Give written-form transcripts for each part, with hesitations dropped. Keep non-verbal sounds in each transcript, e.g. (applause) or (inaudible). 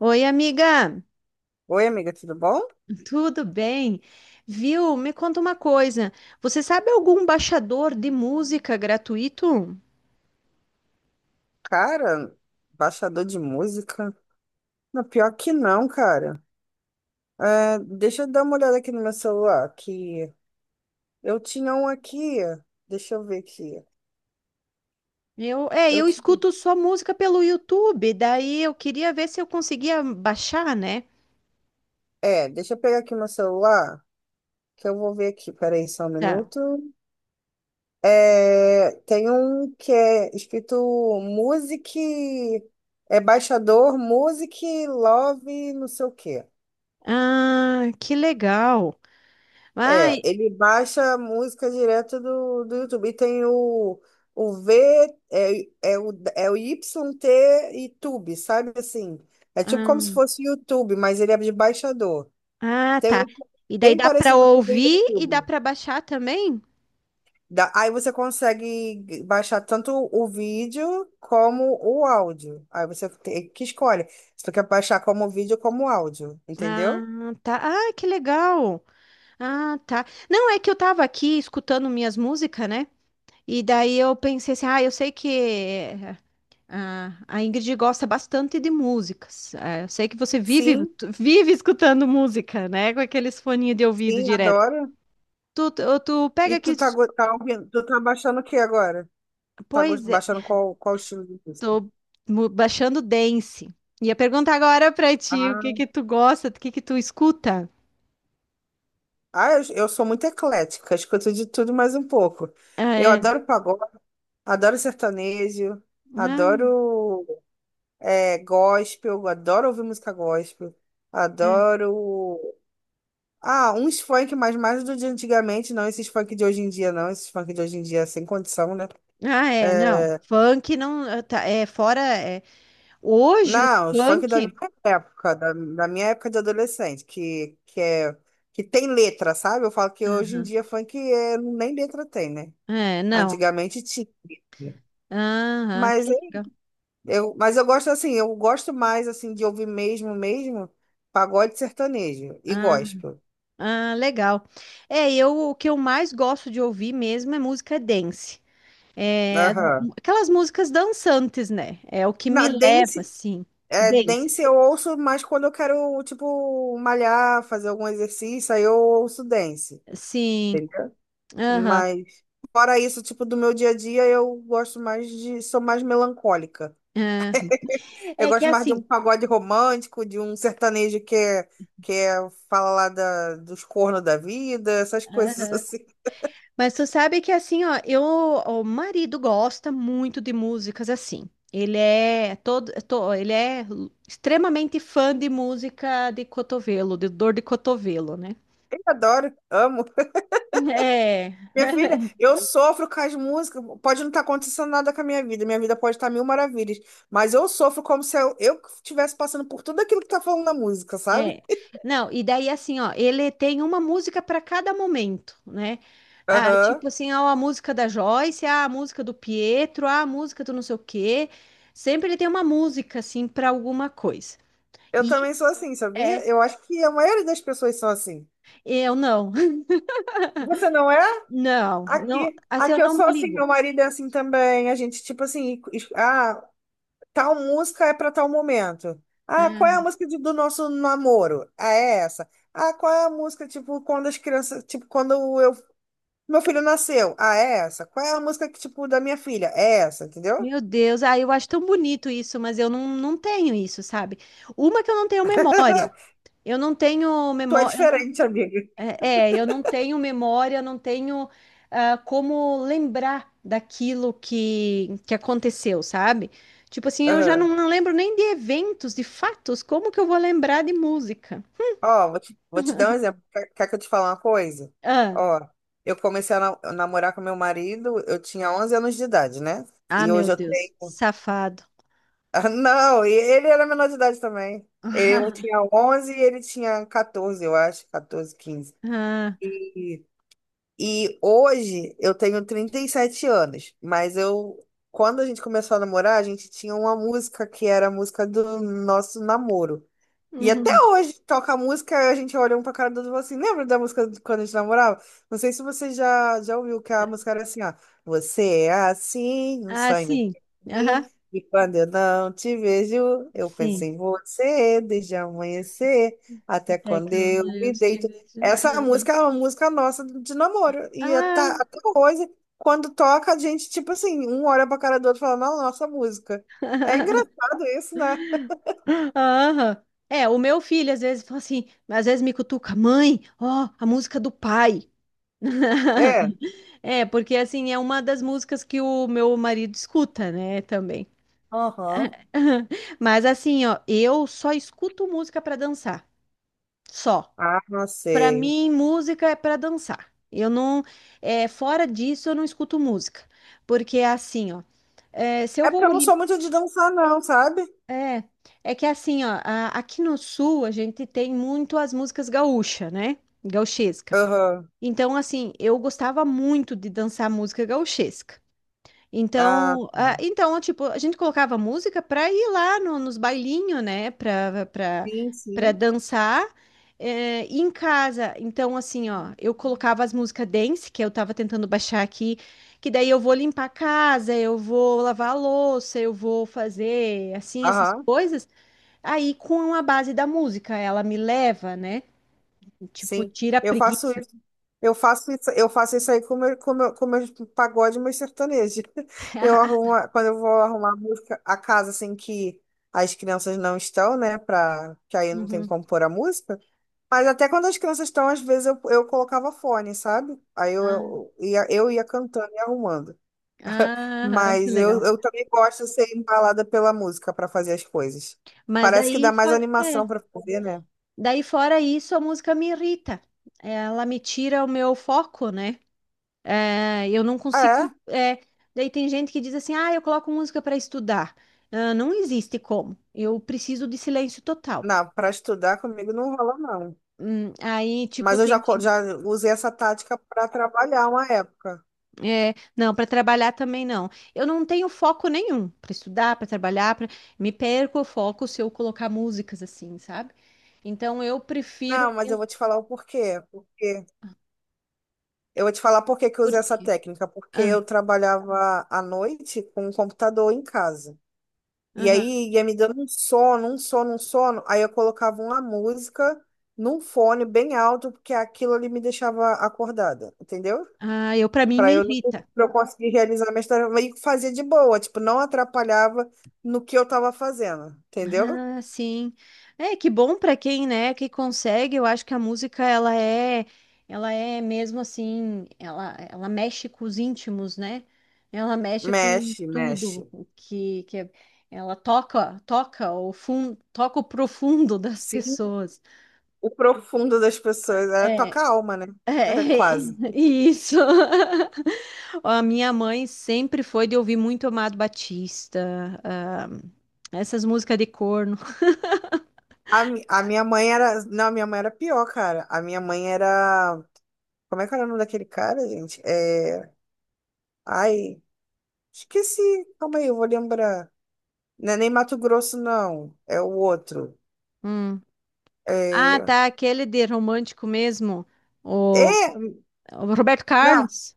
Oi, amiga, Oi, amiga, tudo bom? tudo bem? Viu? Me conta uma coisa. Você sabe algum baixador de música gratuito? Cara, baixador de música? Não, pior que não, cara. Deixa eu dar uma olhada aqui no meu celular, que eu tinha um aqui, deixa eu ver aqui. Eu, é, Eu eu tinha... escuto só música pelo YouTube, daí eu queria ver se eu conseguia baixar, né? Deixa eu pegar aqui meu celular, que eu vou ver aqui, peraí só um Tá. minuto. É, tem um que é escrito Music, é baixador Music Love não sei o quê. Ah, que legal. É, Ai, ele baixa a música direto do YouTube. E tem o V, é o YT e Tube, sabe assim? É tipo como se ah, fosse YouTube, mas ele é de baixador. ah, Tem tá. um E daí bem dá para parecido com o do ouvir e dá YouTube. para baixar também? Aí você consegue baixar tanto o vídeo como o áudio. Aí você tem que escolhe se tu quer baixar como vídeo como áudio, Ah, entendeu? tá. Ah, que legal. Ah, tá. Não, é que eu tava aqui escutando minhas músicas, né? E daí eu pensei assim, ah, eu sei que a Ingrid gosta bastante de músicas. Eu sei que você vive, Sim, tu vive escutando música, né? Com aqueles foninhos de ouvido sim, direto. adoro. Tu E pega tu aqui, tá, tá ouvindo, tu tá baixando o que agora? Pois é, Baixando qual estilo de música? tô baixando dance. Ia perguntar agora pra ti, o que Ah, que tu gosta, o que que tu escuta? ah, eu sou muito eclética, escuto de tudo mais um pouco. Ah, Eu é. adoro pagode, adoro sertanejo, Ah, adoro gospel, adoro ouvir música gospel, é. adoro. Ah, uns funk, mas mais do de antigamente, não esses funk de hoje em dia, não. Esses funk de hoje em dia, sem condição, né? Ah, é, não. É, Funk não, tá, é fora, é. Hoje os não, os funk da minha funk... época, da minha época de adolescente, que tem letra, sabe? Eu falo que hoje em Aham. dia funk nem letra tem, né? É, não. Antigamente tinha. Aham, Mas que é- legal. Mas eu gosto assim, eu gosto mais assim de ouvir mesmo, mesmo, pagode sertanejo e Ah, gospel. ah, legal. É, eu o que eu mais gosto de ouvir mesmo é música dance. É, Aham. aquelas músicas dançantes, né? É o que me Na leva, dance, assim. é, Dance. dance eu ouço mais quando eu quero, tipo, malhar, fazer algum exercício, aí eu ouço dance. Sim. Entendeu? Aham. Mas fora isso, tipo, do meu dia a dia, eu gosto mais de, sou mais melancólica. Aham. Eu É que é gosto mais de um assim. pagode romântico, de um sertanejo que é fala lá dos cornos da vida, essas (laughs) coisas Aham. assim. Mas tu sabe que assim, ó, eu, o marido gosta muito de músicas assim. Ele é todo, é to- ele é extremamente fã de música de cotovelo, de dor de cotovelo, né? Eu adoro, amo. (laughs) É. Minha filha, eu sofro com as músicas. Pode não estar acontecendo nada com a minha vida pode estar mil maravilhas, mas eu sofro como se eu estivesse passando por tudo aquilo que tá falando na música, sabe? É. Não, e daí assim, ó, ele tem uma música para cada momento, né? Ah, Aham. tipo assim, ó, a música da Joyce, ah, a música do Pietro, ah, a música do não sei o quê. Sempre ele tem uma música assim para alguma coisa. Eu também E sou assim, é, sabia? Eu acho que a maioria das pessoas são assim. eu não. (laughs) Você não é? Não, Aqui, assim, eu aqui eu não me sou assim, meu ligo. marido é assim também. A gente, tipo assim, tal música é para tal momento. Ah, qual é a Ah, música do nosso namoro? Ah, é essa. Ah, qual é a música, tipo, quando as crianças, tipo, quando eu, meu filho nasceu? Ah, é essa. Qual é a música que, tipo, da minha filha? É essa, entendeu? meu Deus, ah, eu acho tão bonito isso, mas eu não tenho isso, sabe? Uma que eu não tenho memória. Eu não tenho Tu é memória. diferente, (laughs) amiga. Eu não tenho memória, não tenho ah, como lembrar daquilo que aconteceu, sabe? Tipo assim, eu já não lembro nem de eventos, de fatos, como que eu vou lembrar de música? Ó, vou te dar um exemplo. Quer que eu te fale uma coisa? Ah, Ó, eu comecei a namorar com meu marido, eu tinha 11 anos de idade, né? ah, E meu hoje eu Deus, tenho. (laughs) safado. Ah, não, e ele era menor de idade também. Eu (laughs) tinha 11 e ele tinha 14, eu acho, 14, 15. Ah, E, e hoje eu tenho 37 anos, mas eu. Quando a gente começou a namorar, a gente tinha uma música que era a música do nosso namoro. E até uhum. hoje toca música, a gente olha um pra cara do outro e fala assim, lembra da música de quando a gente namorava? Não sei se você já ouviu que a música era assim, ó. Você é assim, um Ah, sonho sim, pra mim, aham, e quando eu não te vejo, eu penso sim. em você desde amanhecer até Até quando que eu eu me deito. estive. Essa música é uma música nossa de namoro. E Ah, até hoje, quando toca, a gente, tipo assim, um olha pra cara do outro e fala, "Não, nossa música. É (laughs) engraçado isso, né? Aham. É, o meu filho às vezes fala assim, às vezes me cutuca, mãe, ó, a música do pai. É. (laughs) É, porque assim, é uma das músicas que o meu marido escuta, né, também. Aham. (laughs) Mas assim, ó, eu só escuto música pra dançar, só. Ah, não Pra sei. mim, música é pra dançar. Eu não, é, fora disso, eu não escuto música, porque é assim, ó, é, se É eu porque vou eu não sou muito de dançar, não, sabe? é, é que assim, ó, aqui no sul a gente tem muito as músicas gaúcha, né? Gauchesca. Aham. Então, assim, eu gostava muito de dançar música gauchesca. Ah, Então, ah, tá. então, tipo, a gente colocava música para ir lá nos bailinhos, né? Sim, Para sim. dançar. E em casa, então, assim, ó, eu colocava as músicas dance, que eu tava tentando baixar aqui, que daí eu vou limpar a casa, eu vou lavar a louça, eu vou fazer assim essas Aham, coisas. Aí, com a base da música, ela me leva, né? Tipo, sim. tira a Eu faço preguiça. isso. Eu faço isso, eu faço isso aí com meus pagode e meus sertanejos. (laughs) (laughs) Quando eu vou arrumar a música, a casa assim que as crianças não estão, né? Pra, que aí não tem Uhum. como pôr a música. Mas até quando as crianças estão, às vezes eu colocava fone, sabe? Aí Ah, eu ia cantando e arrumando. Ah, que Mas legal. Eu também gosto de ser embalada pela música para fazer as coisas. Mas Parece que daí dá mais fora, animação para fazer, né? daí fora isso, a música me irrita. Ela me tira o meu foco, né? É, eu não consigo. É, é, Daí tem gente que diz assim: ah, eu coloco música para estudar. Ah, não existe como. Eu preciso de silêncio total. não, para estudar comigo não rola, não. Aí, tipo, Mas eu já, tem. Já usei essa tática para trabalhar uma época. É, não, para trabalhar também não. Eu não tenho foco nenhum para estudar, para trabalhar, pra... me perco o foco se eu colocar músicas assim, sabe? Então eu Não, prefiro mas eu vou te falar o porquê. Porque eu vou te falar por que que eu usei essa porque técnica. Porque ah, eu trabalhava à noite com um computador em casa. E aham. aí ia me dando um sono. Aí eu colocava uma música num fone bem alto, porque aquilo ali me deixava acordada, entendeu? Ah, eu para mim me Pra eu, não- irrita. Pra eu conseguir realizar minha história. E fazia de boa, tipo, não atrapalhava no que eu tava fazendo, entendeu? Ah, sim. É, que bom para quem, né, que consegue. Eu acho que a música ela é mesmo assim, ela mexe com os íntimos, né? Ela mexe com Mexe, mexe. tudo o que que é- ela toca, toca o fundo, toca o profundo (laughs) das Sim, pessoas. o profundo das pessoas. É, É, toca a alma, né? é É, quase. (laughs) isso. (laughs) A minha mãe sempre foi de ouvir muito Amado Batista, ah, essas músicas de corno. A minha mãe era. Não, a minha mãe era pior, cara. A minha mãe era. Como é que era o nome daquele cara, gente? É. Ai. Esqueci. Calma aí, eu vou lembrar. Não é nem Mato Grosso, não. É o outro. (laughs) Ah, É... tá, aquele de romântico mesmo, o, é... o Roberto Não, Carlos.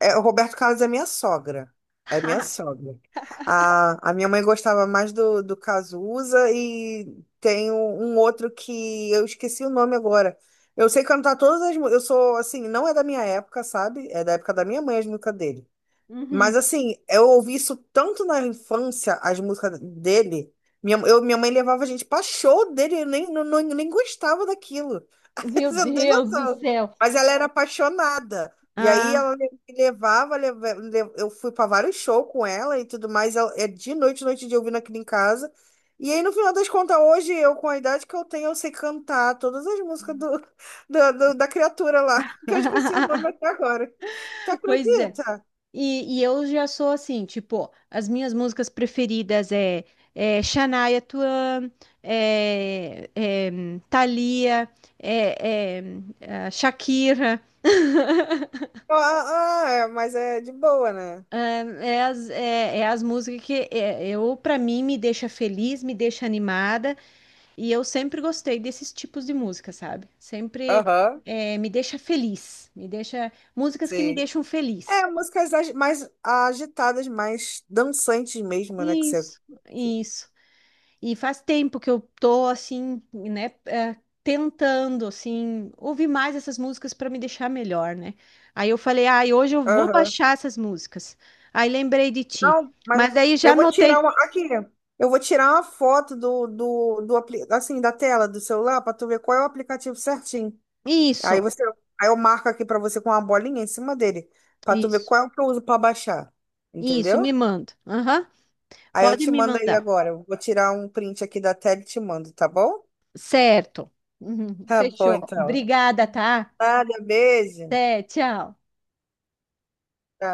é o Roberto Carlos é minha sogra. É minha (laughs) sogra. A minha mãe gostava mais do Cazuza e tem um outro que eu esqueci o nome agora. Eu sei cantar todas as músicas. Eu sou, assim, não é da minha época, sabe? É da época da minha mãe as músicas dele. Uhum. Mas assim, eu ouvi isso tanto na infância, as músicas dele. Minha mãe levava a gente pra show dele, eu nem, não, não- nem gostava daquilo. (laughs) Meu Você não tem Deus do noção. céu. Mas ela era apaixonada. E aí Ah, ela me eu fui pra vários shows com ela e tudo mais. É de noite, noite de ouvindo aquilo em casa. E aí, no final das contas, hoje, eu, com a idade que eu tenho, eu sei cantar todas as músicas do, (laughs) da criatura lá, (laughs) que eu esqueci o (laughs) nome até agora. Tu pois é. acredita? E eu já sou assim, tipo, as minhas músicas preferidas é Shania Twain, é Thalia, é, é, é Shakira. Ah, ah, é, mas é de boa, né? É as músicas que eu, para mim, me deixa feliz, me deixa animada. E eu sempre gostei desses tipos de música, sabe? Sempre Aham, me deixa feliz, me deixa músicas que me sim. deixam feliz. É, músicas mais agitadas, mais dançantes mesmo, né? Que você. Isso, isso. E faz tempo que eu tô assim, né, tentando assim ouvir mais essas músicas para me deixar melhor, né? Aí eu falei, ai, hoje eu vou Aham. baixar essas músicas. Aí lembrei de ti. Não, mas Mas daí já eu vou tirar anotei. uma. Aqui, eu vou tirar uma foto do assim, da tela do celular pra tu ver qual é o aplicativo certinho. Aí Isso, você. Aí eu marco aqui pra você com uma bolinha em cima dele, pra tu ver isso, qual é o que eu uso pra baixar. isso, Entendeu? me manda. Aham. Aí eu Pode te me mando aí mandar. agora. Eu vou tirar um print aqui da tela e te mando, tá bom? Certo. Uhum, Tá bom, fechou. então. Obrigada, tá? Nada, beijo. Tchau. Até, tchau.